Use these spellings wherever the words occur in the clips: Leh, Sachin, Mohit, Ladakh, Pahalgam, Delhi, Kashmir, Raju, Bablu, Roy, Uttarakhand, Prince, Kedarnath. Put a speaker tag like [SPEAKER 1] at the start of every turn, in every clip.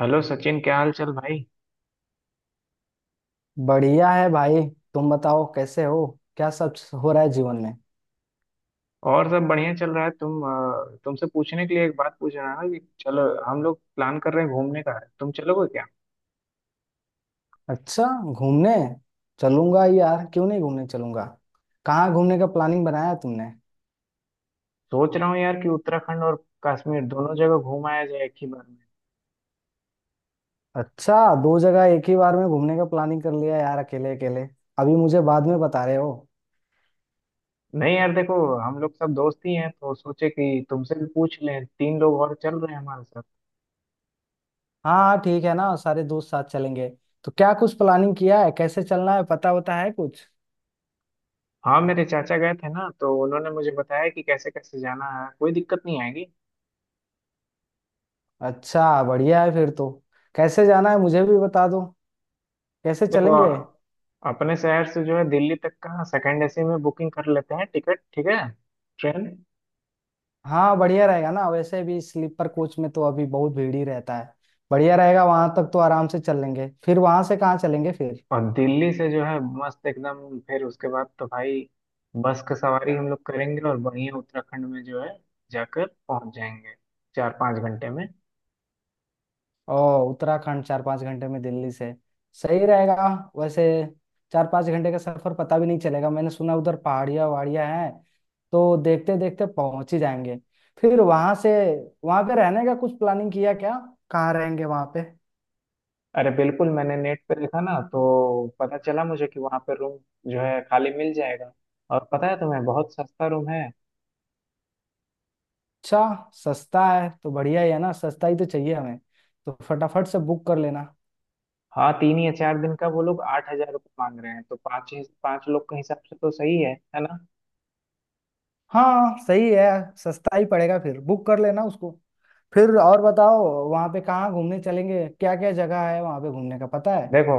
[SPEAKER 1] Hello Sachin, क्या हाल चाल भाई।
[SPEAKER 2] बढ़िया है भाई। तुम बताओ कैसे हो, क्या सब हो रहा है जीवन में।
[SPEAKER 1] और सब बढ़िया चल रहा है। तुम तुमसे पूछने के लिए एक बात पूछ रहा है कि चलो, हम लोग प्लान कर रहे हैं घूमने का, तुम चलोगे क्या?
[SPEAKER 2] अच्छा, घूमने चलूंगा यार, क्यों नहीं घूमने चलूंगा। कहाँ घूमने का प्लानिंग बनाया तुमने?
[SPEAKER 1] सोच रहा हूँ यार कि उत्तराखंड और कश्मीर दोनों जगह घूम आया जाए एक ही बार में।
[SPEAKER 2] अच्छा, दो जगह एक ही बार में घूमने का प्लानिंग कर लिया यार अकेले अकेले, अभी मुझे बाद में बता रहे हो।
[SPEAKER 1] नहीं यार देखो, हम लोग सब दोस्त ही हैं तो सोचे कि तुमसे भी पूछ लें, तीन लोग और चल रहे हैं हमारे साथ।
[SPEAKER 2] हाँ हाँ, ठीक है ना, सारे दोस्त साथ चलेंगे। तो क्या कुछ प्लानिंग किया है, कैसे चलना है पता होता है कुछ?
[SPEAKER 1] हाँ, मेरे चाचा गए थे ना, तो उन्होंने मुझे बताया कि कैसे कैसे जाना है, कोई दिक्कत नहीं आएगी।
[SPEAKER 2] अच्छा, बढ़िया है फिर तो। कैसे जाना है मुझे भी बता दो, कैसे
[SPEAKER 1] देखो,
[SPEAKER 2] चलेंगे?
[SPEAKER 1] अपने शहर से जो है दिल्ली तक का सेकंड एसी में बुकिंग कर लेते हैं टिकट, ठीक है? ट्रेन।
[SPEAKER 2] हाँ बढ़िया रहेगा ना, वैसे भी स्लीपर कोच में तो अभी बहुत भीड़ ही रहता है। बढ़िया रहेगा, वहां तक तो आराम से चल लेंगे, फिर वहां से कहाँ चलेंगे फिर?
[SPEAKER 1] और दिल्ली से जो है मस्त एकदम, फिर उसके बाद तो भाई बस की सवारी हम लोग करेंगे, और बढ़िया उत्तराखंड में जो है जाकर पहुंच जाएंगे 4-5 घंटे में।
[SPEAKER 2] ओ, उत्तराखंड 4-5 घंटे में दिल्ली से? सही रहेगा वैसे। 4-5 घंटे का सफर पता भी नहीं चलेगा। मैंने सुना उधर पहाड़ियाँ वहाड़ियाँ हैं, तो देखते देखते पहुंच ही जाएंगे। फिर वहां से, वहां पे रहने का कुछ प्लानिंग किया क्या? कहाँ रहेंगे वहां पे?
[SPEAKER 1] अरे बिल्कुल, मैंने नेट पे देखा ना, तो पता चला मुझे कि वहाँ पे रूम जो है खाली मिल जाएगा। और पता है तुम्हें, बहुत सस्ता रूम है।
[SPEAKER 2] अच्छा, सस्ता है तो बढ़िया ही है ना, सस्ता ही तो चाहिए हमें, तो फटाफट से बुक कर लेना।
[SPEAKER 1] हाँ, 3 या 4 दिन का वो लोग 8,000 रुपये मांग रहे हैं, तो पाँच पाँच लोग के हिसाब से तो सही है ना?
[SPEAKER 2] हाँ सही है, सस्ता ही पड़ेगा, फिर बुक कर लेना उसको। फिर और बताओ, वहाँ पे कहाँ घूमने चलेंगे? क्या क्या जगह है वहाँ पे घूमने का पता है?
[SPEAKER 1] देखो,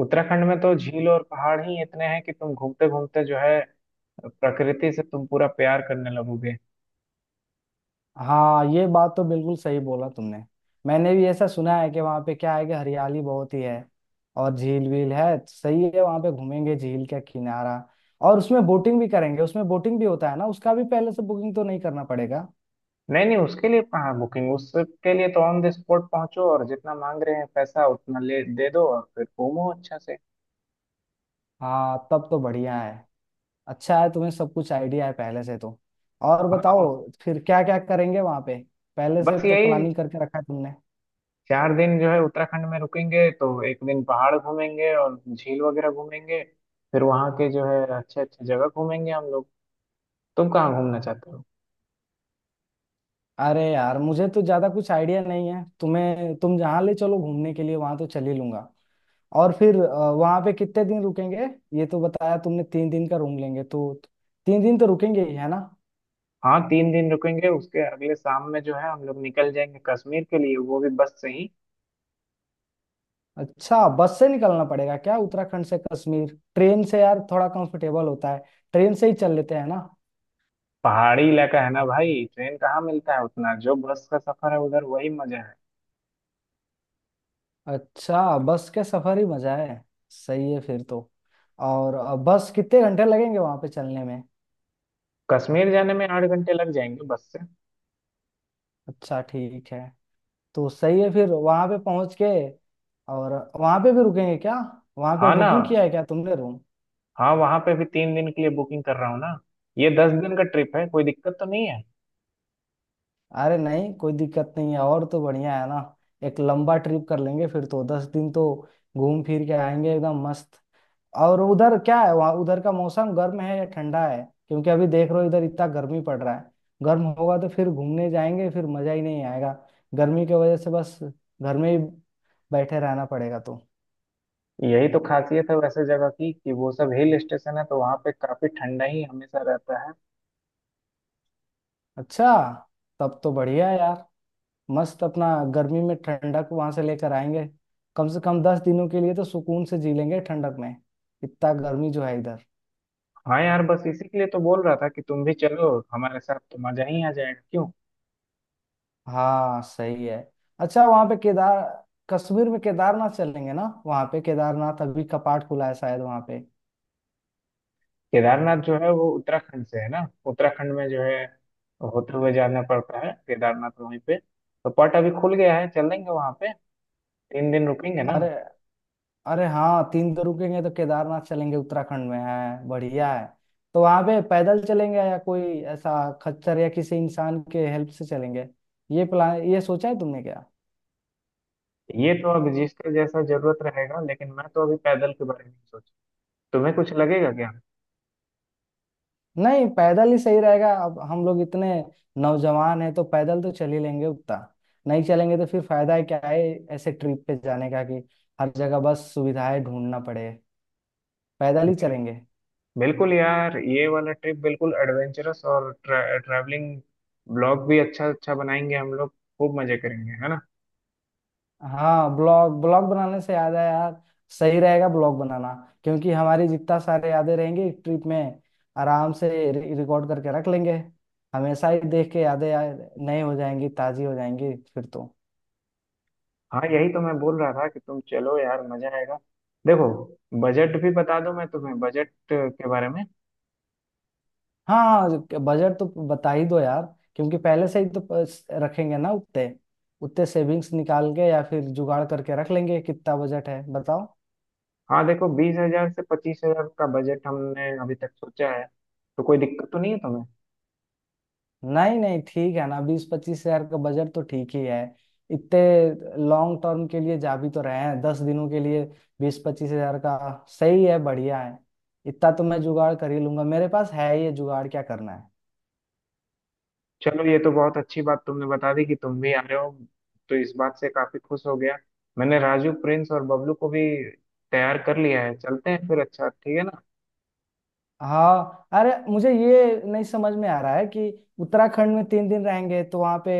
[SPEAKER 1] उत्तराखंड में तो झील और पहाड़ ही इतने हैं कि तुम घूमते घूमते जो है प्रकृति से तुम पूरा प्यार करने लगोगे।
[SPEAKER 2] हाँ, ये बात तो बिल्कुल सही बोला तुमने। मैंने भी ऐसा सुना है कि वहाँ पे क्या है कि हरियाली बहुत ही है। और झील वील है तो सही है, वहाँ पे घूमेंगे झील का किनारा, और उसमें बोटिंग भी करेंगे। उसमें बोटिंग भी होता है ना? उसका भी पहले से बुकिंग तो नहीं करना पड़ेगा?
[SPEAKER 1] नहीं नहीं, उसके लिए कहाँ बुकिंग, उसके लिए तो ऑन द स्पॉट पहुंचो और जितना मांग रहे हैं पैसा उतना ले दे दो और फिर घूमो अच्छा से।
[SPEAKER 2] हाँ तब तो बढ़िया है। अच्छा है, तुम्हें सब कुछ आइडिया है पहले से तो। और
[SPEAKER 1] हाँ,
[SPEAKER 2] बताओ, फिर क्या क्या करेंगे वहां पे, पहले से
[SPEAKER 1] बस
[SPEAKER 2] तो
[SPEAKER 1] यही,
[SPEAKER 2] प्लानिंग करके रखा है तुमने?
[SPEAKER 1] 4 दिन जो है उत्तराखंड में रुकेंगे तो एक दिन पहाड़ घूमेंगे और झील वगैरह घूमेंगे। फिर वहाँ के जो है अच्छे अच्छे जगह घूमेंगे हम लोग। तुम कहाँ घूमना चाहते हो?
[SPEAKER 2] अरे यार, मुझे तो ज्यादा कुछ आइडिया नहीं है, तुम्हें तुम जहाँ ले चलो घूमने के लिए वहां तो चल ही लूंगा। और फिर वहां पे कितने दिन रुकेंगे? ये तो बताया तुमने, 3 दिन का रूम लेंगे तो 3 दिन तो रुकेंगे ही है ना।
[SPEAKER 1] हाँ, 3 दिन रुकेंगे, उसके अगले शाम में जो है हम लोग निकल जाएंगे कश्मीर के लिए, वो भी बस से ही।
[SPEAKER 2] अच्छा, बस से निकलना पड़ेगा क्या उत्तराखंड से कश्मीर? ट्रेन से यार थोड़ा कंफर्टेबल होता है, ट्रेन से ही चल लेते हैं ना।
[SPEAKER 1] पहाड़ी इलाका है ना भाई, ट्रेन कहाँ मिलता है उतना, जो बस का सफर है उधर वही मजा है।
[SPEAKER 2] अच्छा, बस के सफर ही मजा है। सही है फिर तो। और बस कितने घंटे लगेंगे वहां पे चलने में?
[SPEAKER 1] कश्मीर जाने में 8 घंटे लग जाएंगे बस से।
[SPEAKER 2] अच्छा ठीक है, तो सही है फिर वहां पे पहुंच के। और वहां पे भी रुकेंगे क्या? वहां पे
[SPEAKER 1] हाँ ना।
[SPEAKER 2] बुकिंग किया है क्या तुमने रूम?
[SPEAKER 1] हाँ, वहाँ पे भी 3 दिन के लिए बुकिंग कर रहा हूँ ना। ये 10 दिन का ट्रिप है, कोई दिक्कत तो नहीं है?
[SPEAKER 2] अरे नहीं कोई दिक्कत नहीं है, और तो बढ़िया है ना। एक लंबा ट्रिप कर लेंगे फिर तो, 10 दिन तो घूम फिर के आएंगे एकदम मस्त। और उधर क्या है, वहाँ उधर का मौसम गर्म है या ठंडा है? क्योंकि अभी देख रहे हो इधर इतना गर्मी पड़ रहा है। गर्म होगा तो फिर घूमने जाएंगे फिर मजा ही नहीं आएगा, गर्मी की वजह से बस घर में ही बैठे रहना पड़ेगा तो।
[SPEAKER 1] यही तो खासियत है वैसे जगह की, कि वो सब हिल स्टेशन है तो वहाँ पे काफी ठंडा ही हमेशा रहता है।
[SPEAKER 2] अच्छा, तब तो बढ़िया है यार, मस्त। अपना गर्मी में ठंडक वहां से लेकर आएंगे। कम से कम 10 दिनों के लिए तो सुकून से जी लेंगे ठंडक में, इतना गर्मी जो है इधर।
[SPEAKER 1] हाँ यार, बस इसी के लिए तो बोल रहा था कि तुम भी चलो हमारे साथ तो मजा ही आ जाएगा, क्यों?
[SPEAKER 2] हाँ सही है। अच्छा, वहां पे केदार, कश्मीर में केदारनाथ चलेंगे ना? वहां पे केदारनाथ अभी कपाट खुला है शायद वहां पे।
[SPEAKER 1] केदारनाथ जो है वो उत्तराखंड से है ना। उत्तराखंड में जो है होते हुए जाना पड़ता है केदारनाथ, वहीं पे तो। पट अभी खुल गया है, चलेंगे वहाँ पे। 3 दिन रुकेंगे ना।
[SPEAKER 2] अरे, अरे हाँ, 3 दिन रुकेंगे तो केदारनाथ चलेंगे, उत्तराखंड में है, बढ़िया है। तो वहां पे पैदल चलेंगे या कोई ऐसा खच्चर या किसी इंसान के हेल्प से चलेंगे, ये प्लान ये सोचा है तुमने क्या?
[SPEAKER 1] ये तो अब जिसका जैसा जरूरत रहेगा, लेकिन मैं तो अभी पैदल के बारे में सोच। तुम्हें कुछ लगेगा
[SPEAKER 2] नहीं, पैदल ही सही रहेगा, अब हम लोग इतने नौजवान हैं तो पैदल तो चल ही लेंगे उतना। नहीं चलेंगे तो फिर फायदा है क्या है ऐसे ट्रिप पे जाने का, कि हर जगह बस सुविधाएं ढूंढना पड़े। पैदल ही
[SPEAKER 1] क्या?
[SPEAKER 2] चलेंगे।
[SPEAKER 1] बिल्कुल यार, ये वाला ट्रिप बिल्कुल एडवेंचरस। और ट्रैवलिंग ब्लॉग भी अच्छा अच्छा बनाएंगे हम लोग। खूब मजे करेंगे, है ना?
[SPEAKER 2] हाँ, ब्लॉग, ब्लॉग बनाने से याद है यार, सही रहेगा ब्लॉग बनाना। क्योंकि हमारी जितना सारे यादें रहेंगी ट्रिप में, आराम से रिकॉर्ड करके रख लेंगे, हमेशा ही देख के यादें यार नए हो जाएंगी, ताजी हो जाएंगी फिर तो।
[SPEAKER 1] हाँ यही तो मैं बोल रहा था कि तुम चलो यार, मजा आएगा। देखो, बजट भी बता दूं मैं तुम्हें, बजट के बारे में।
[SPEAKER 2] हाँ, बजट तो बता ही दो यार, क्योंकि पहले से ही तो रखेंगे ना उतने, उतने सेविंग्स निकाल के या फिर जुगाड़ करके रख लेंगे, कितना बजट है बताओ।
[SPEAKER 1] हाँ देखो, 20,000 से 25,000 का बजट हमने अभी तक सोचा है। तो कोई दिक्कत तो नहीं है तुम्हें?
[SPEAKER 2] नहीं नहीं ठीक है ना, 20-25 हजार का बजट तो ठीक ही है। इतने लॉन्ग टर्म के लिए जा भी तो रहे हैं, 10 दिनों के लिए। 20-25 हजार का, सही है, बढ़िया है। इतना तो मैं जुगाड़ कर ही लूंगा, मेरे पास है ये जुगाड़, क्या करना है।
[SPEAKER 1] चलो, ये तो बहुत अच्छी बात तुमने बता दी कि तुम भी आ रहे हो, तो इस बात से काफी खुश हो गया। मैंने राजू, प्रिंस और बबलू को भी तैयार कर लिया है। चलते हैं फिर, अच्छा ठीक है ना।
[SPEAKER 2] हाँ, अरे मुझे ये नहीं समझ में आ रहा है कि उत्तराखंड में 3 दिन रहेंगे तो वहाँ पे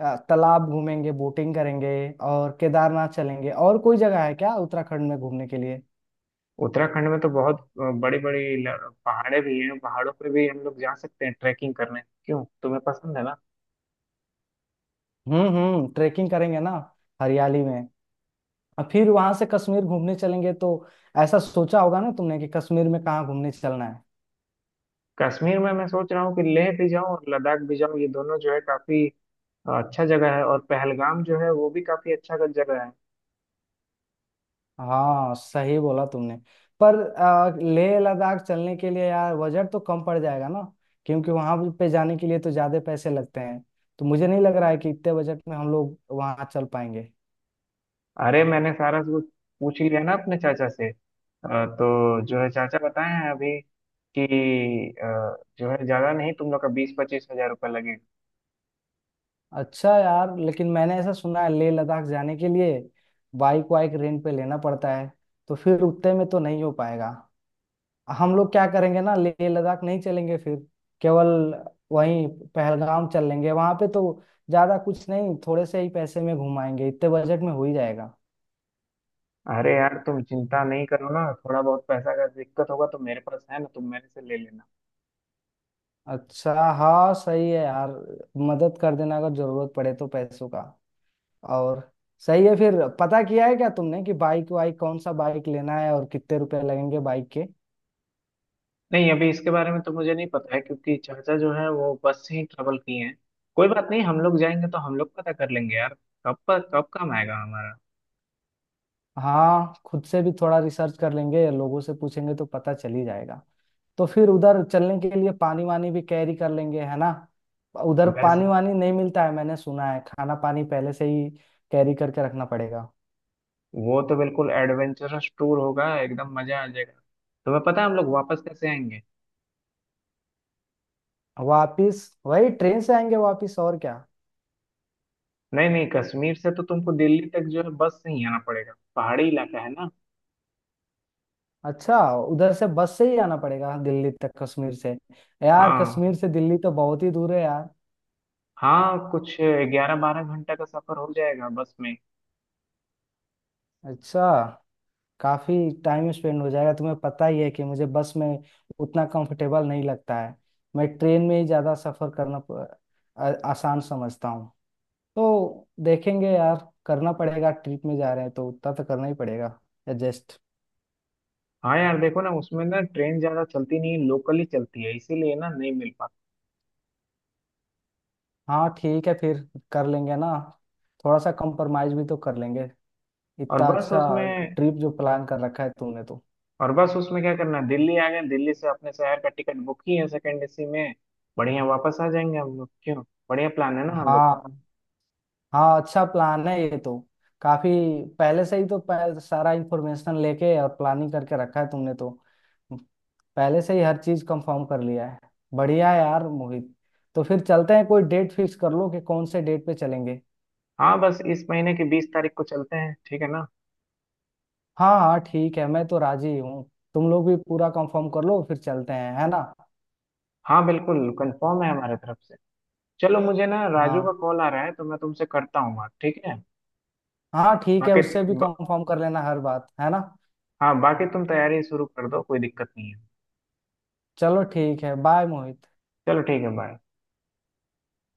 [SPEAKER 2] तालाब घूमेंगे, बोटिंग करेंगे और केदारनाथ चलेंगे, और कोई जगह है क्या उत्तराखंड में घूमने के लिए?
[SPEAKER 1] उत्तराखंड में तो बहुत बड़ी बड़ी पहाड़े भी हैं, पहाड़ों पे भी हम लोग जा सकते हैं ट्रैकिंग करने, क्यों तुम्हें पसंद है ना?
[SPEAKER 2] हम्म, ट्रेकिंग करेंगे ना, हरियाली में। और फिर वहां से कश्मीर घूमने चलेंगे तो, ऐसा सोचा होगा ना तुमने कि कश्मीर में कहाँ घूमने चलना है?
[SPEAKER 1] कश्मीर में मैं सोच रहा हूँ कि लेह भी जाऊँ और लद्दाख भी जाऊं। ये दोनों जो है काफी अच्छा जगह है। और पहलगाम जो है वो भी काफी अच्छा जगह है।
[SPEAKER 2] हाँ सही बोला तुमने। पर लेह लद्दाख चलने के लिए यार बजट तो कम पड़ जाएगा ना, क्योंकि वहां पे जाने के लिए तो ज्यादा पैसे लगते हैं। तो मुझे नहीं लग रहा है कि इतने बजट में हम लोग वहां चल पाएंगे।
[SPEAKER 1] अरे, मैंने सारा कुछ पूछ ही लिया ना अपने चाचा से, तो जो है चाचा बताए हैं अभी कि अ, जो है ज्यादा नहीं, तुम लोग का 20-25 हजार रुपये लगेगा।
[SPEAKER 2] अच्छा यार, लेकिन मैंने ऐसा सुना है लेह लद्दाख जाने के लिए बाइक वाइक रेंट पे लेना पड़ता है, तो फिर उतने में तो नहीं हो पाएगा। हम लोग क्या करेंगे ना, लेह लद्दाख नहीं चलेंगे फिर, केवल वहीं पहलगाम चल लेंगे। वहां पे तो ज्यादा कुछ नहीं, थोड़े से ही पैसे में घुमाएंगे, इतने बजट में हो ही जाएगा।
[SPEAKER 1] अरे यार तुम चिंता नहीं करो ना, थोड़ा बहुत पैसा का दिक्कत होगा तो मेरे पास है ना, तुम मेरे से ले लेना।
[SPEAKER 2] अच्छा, हाँ सही है यार, मदद कर देना अगर जरूरत पड़े तो पैसों का। और सही है, फिर पता किया है क्या तुमने कि बाइक वाइक कौन सा बाइक लेना है और कितने रुपए लगेंगे बाइक के?
[SPEAKER 1] नहीं, अभी इसके बारे में तो मुझे नहीं पता है, क्योंकि चाचा जो है वो बस से ही ट्रेवल किए हैं। कोई बात नहीं, हम लोग जाएंगे तो हम लोग पता कर लेंगे यार। कब पर कब काम आएगा हमारा।
[SPEAKER 2] हाँ खुद से भी थोड़ा रिसर्च कर लेंगे, लोगों से पूछेंगे तो पता चल ही जाएगा। तो फिर उधर चलने के लिए पानी वानी भी कैरी कर लेंगे है ना, उधर
[SPEAKER 1] वैसे
[SPEAKER 2] पानी वानी नहीं मिलता है मैंने सुना है, खाना पानी पहले से ही कैरी करके रखना पड़ेगा।
[SPEAKER 1] वो तो बिल्कुल एडवेंचरस टूर होगा, एकदम मजा आ जाएगा। तुम्हें पता है हम लोग वापस कैसे आएंगे?
[SPEAKER 2] वापिस वही ट्रेन से आएंगे वापिस, और क्या?
[SPEAKER 1] नहीं नहीं, कश्मीर से तो तुमको दिल्ली तक जो है बस से ही आना पड़ेगा, पहाड़ी इलाका है ना।
[SPEAKER 2] अच्छा, उधर से बस से ही आना पड़ेगा दिल्ली तक कश्मीर से? यार कश्मीर
[SPEAKER 1] हाँ।
[SPEAKER 2] से दिल्ली तो बहुत ही दूर है यार।
[SPEAKER 1] हाँ, कुछ 11-12 घंटा का सफर हो जाएगा बस में।
[SPEAKER 2] अच्छा, काफी टाइम स्पेंड हो जाएगा। तुम्हें पता ही है कि मुझे बस में उतना कंफर्टेबल नहीं लगता है। मैं ट्रेन में ही ज्यादा सफर करना आसान समझता हूँ। तो देखेंगे यार, करना पड़ेगा, ट्रिप में जा रहे हैं तो उतना तो करना ही पड़ेगा एडजस्ट।
[SPEAKER 1] हाँ यार, देखो ना, उसमें ना ट्रेन ज्यादा चलती नहीं है, लोकल ही चलती है इसीलिए ना नहीं मिल पाता।
[SPEAKER 2] हाँ ठीक है फिर, कर लेंगे ना, थोड़ा सा कंप्रोमाइज भी तो कर लेंगे,
[SPEAKER 1] और
[SPEAKER 2] इतना
[SPEAKER 1] बस
[SPEAKER 2] अच्छा
[SPEAKER 1] उसमें।
[SPEAKER 2] ट्रिप जो प्लान कर रखा है तुमने तो।
[SPEAKER 1] और बस उसमें क्या करना है, दिल्ली आ गए, दिल्ली से अपने शहर का टिकट बुक ही है सेकेंड एसी में। बढ़िया वापस आ जाएंगे हम लोग, क्यों? बढ़िया प्लान है ना हम लोग का।
[SPEAKER 2] हाँ हाँ, अच्छा प्लान है ये तो, काफी पहले से ही तो सारा इंफॉर्मेशन लेके और प्लानिंग करके रखा है तुमने तो, पहले से ही हर चीज कंफर्म कर लिया है। बढ़िया है यार मोहित। तो फिर चलते हैं, कोई डेट फिक्स कर लो कि कौन से डेट पे चलेंगे।
[SPEAKER 1] हाँ, बस इस महीने की 20 तारीख को चलते हैं, ठीक है ना?
[SPEAKER 2] हाँ हाँ ठीक है, मैं तो राजी हूँ, तुम लोग भी पूरा कंफर्म कर लो, फिर चलते हैं है ना।
[SPEAKER 1] हाँ बिल्कुल, कंफर्म है हमारे तरफ से। चलो, मुझे ना राजू का
[SPEAKER 2] हाँ
[SPEAKER 1] कॉल आ रहा है, तो मैं तुमसे करता हूँ बात, ठीक है?
[SPEAKER 2] हाँ ठीक है,
[SPEAKER 1] बाकी
[SPEAKER 2] उससे भी
[SPEAKER 1] ब,
[SPEAKER 2] कंफर्म कर लेना हर बात है ना।
[SPEAKER 1] हाँ बाकी तुम तैयारी शुरू कर दो, कोई दिक्कत नहीं है।
[SPEAKER 2] चलो ठीक है, बाय मोहित।
[SPEAKER 1] चलो ठीक है, बाय।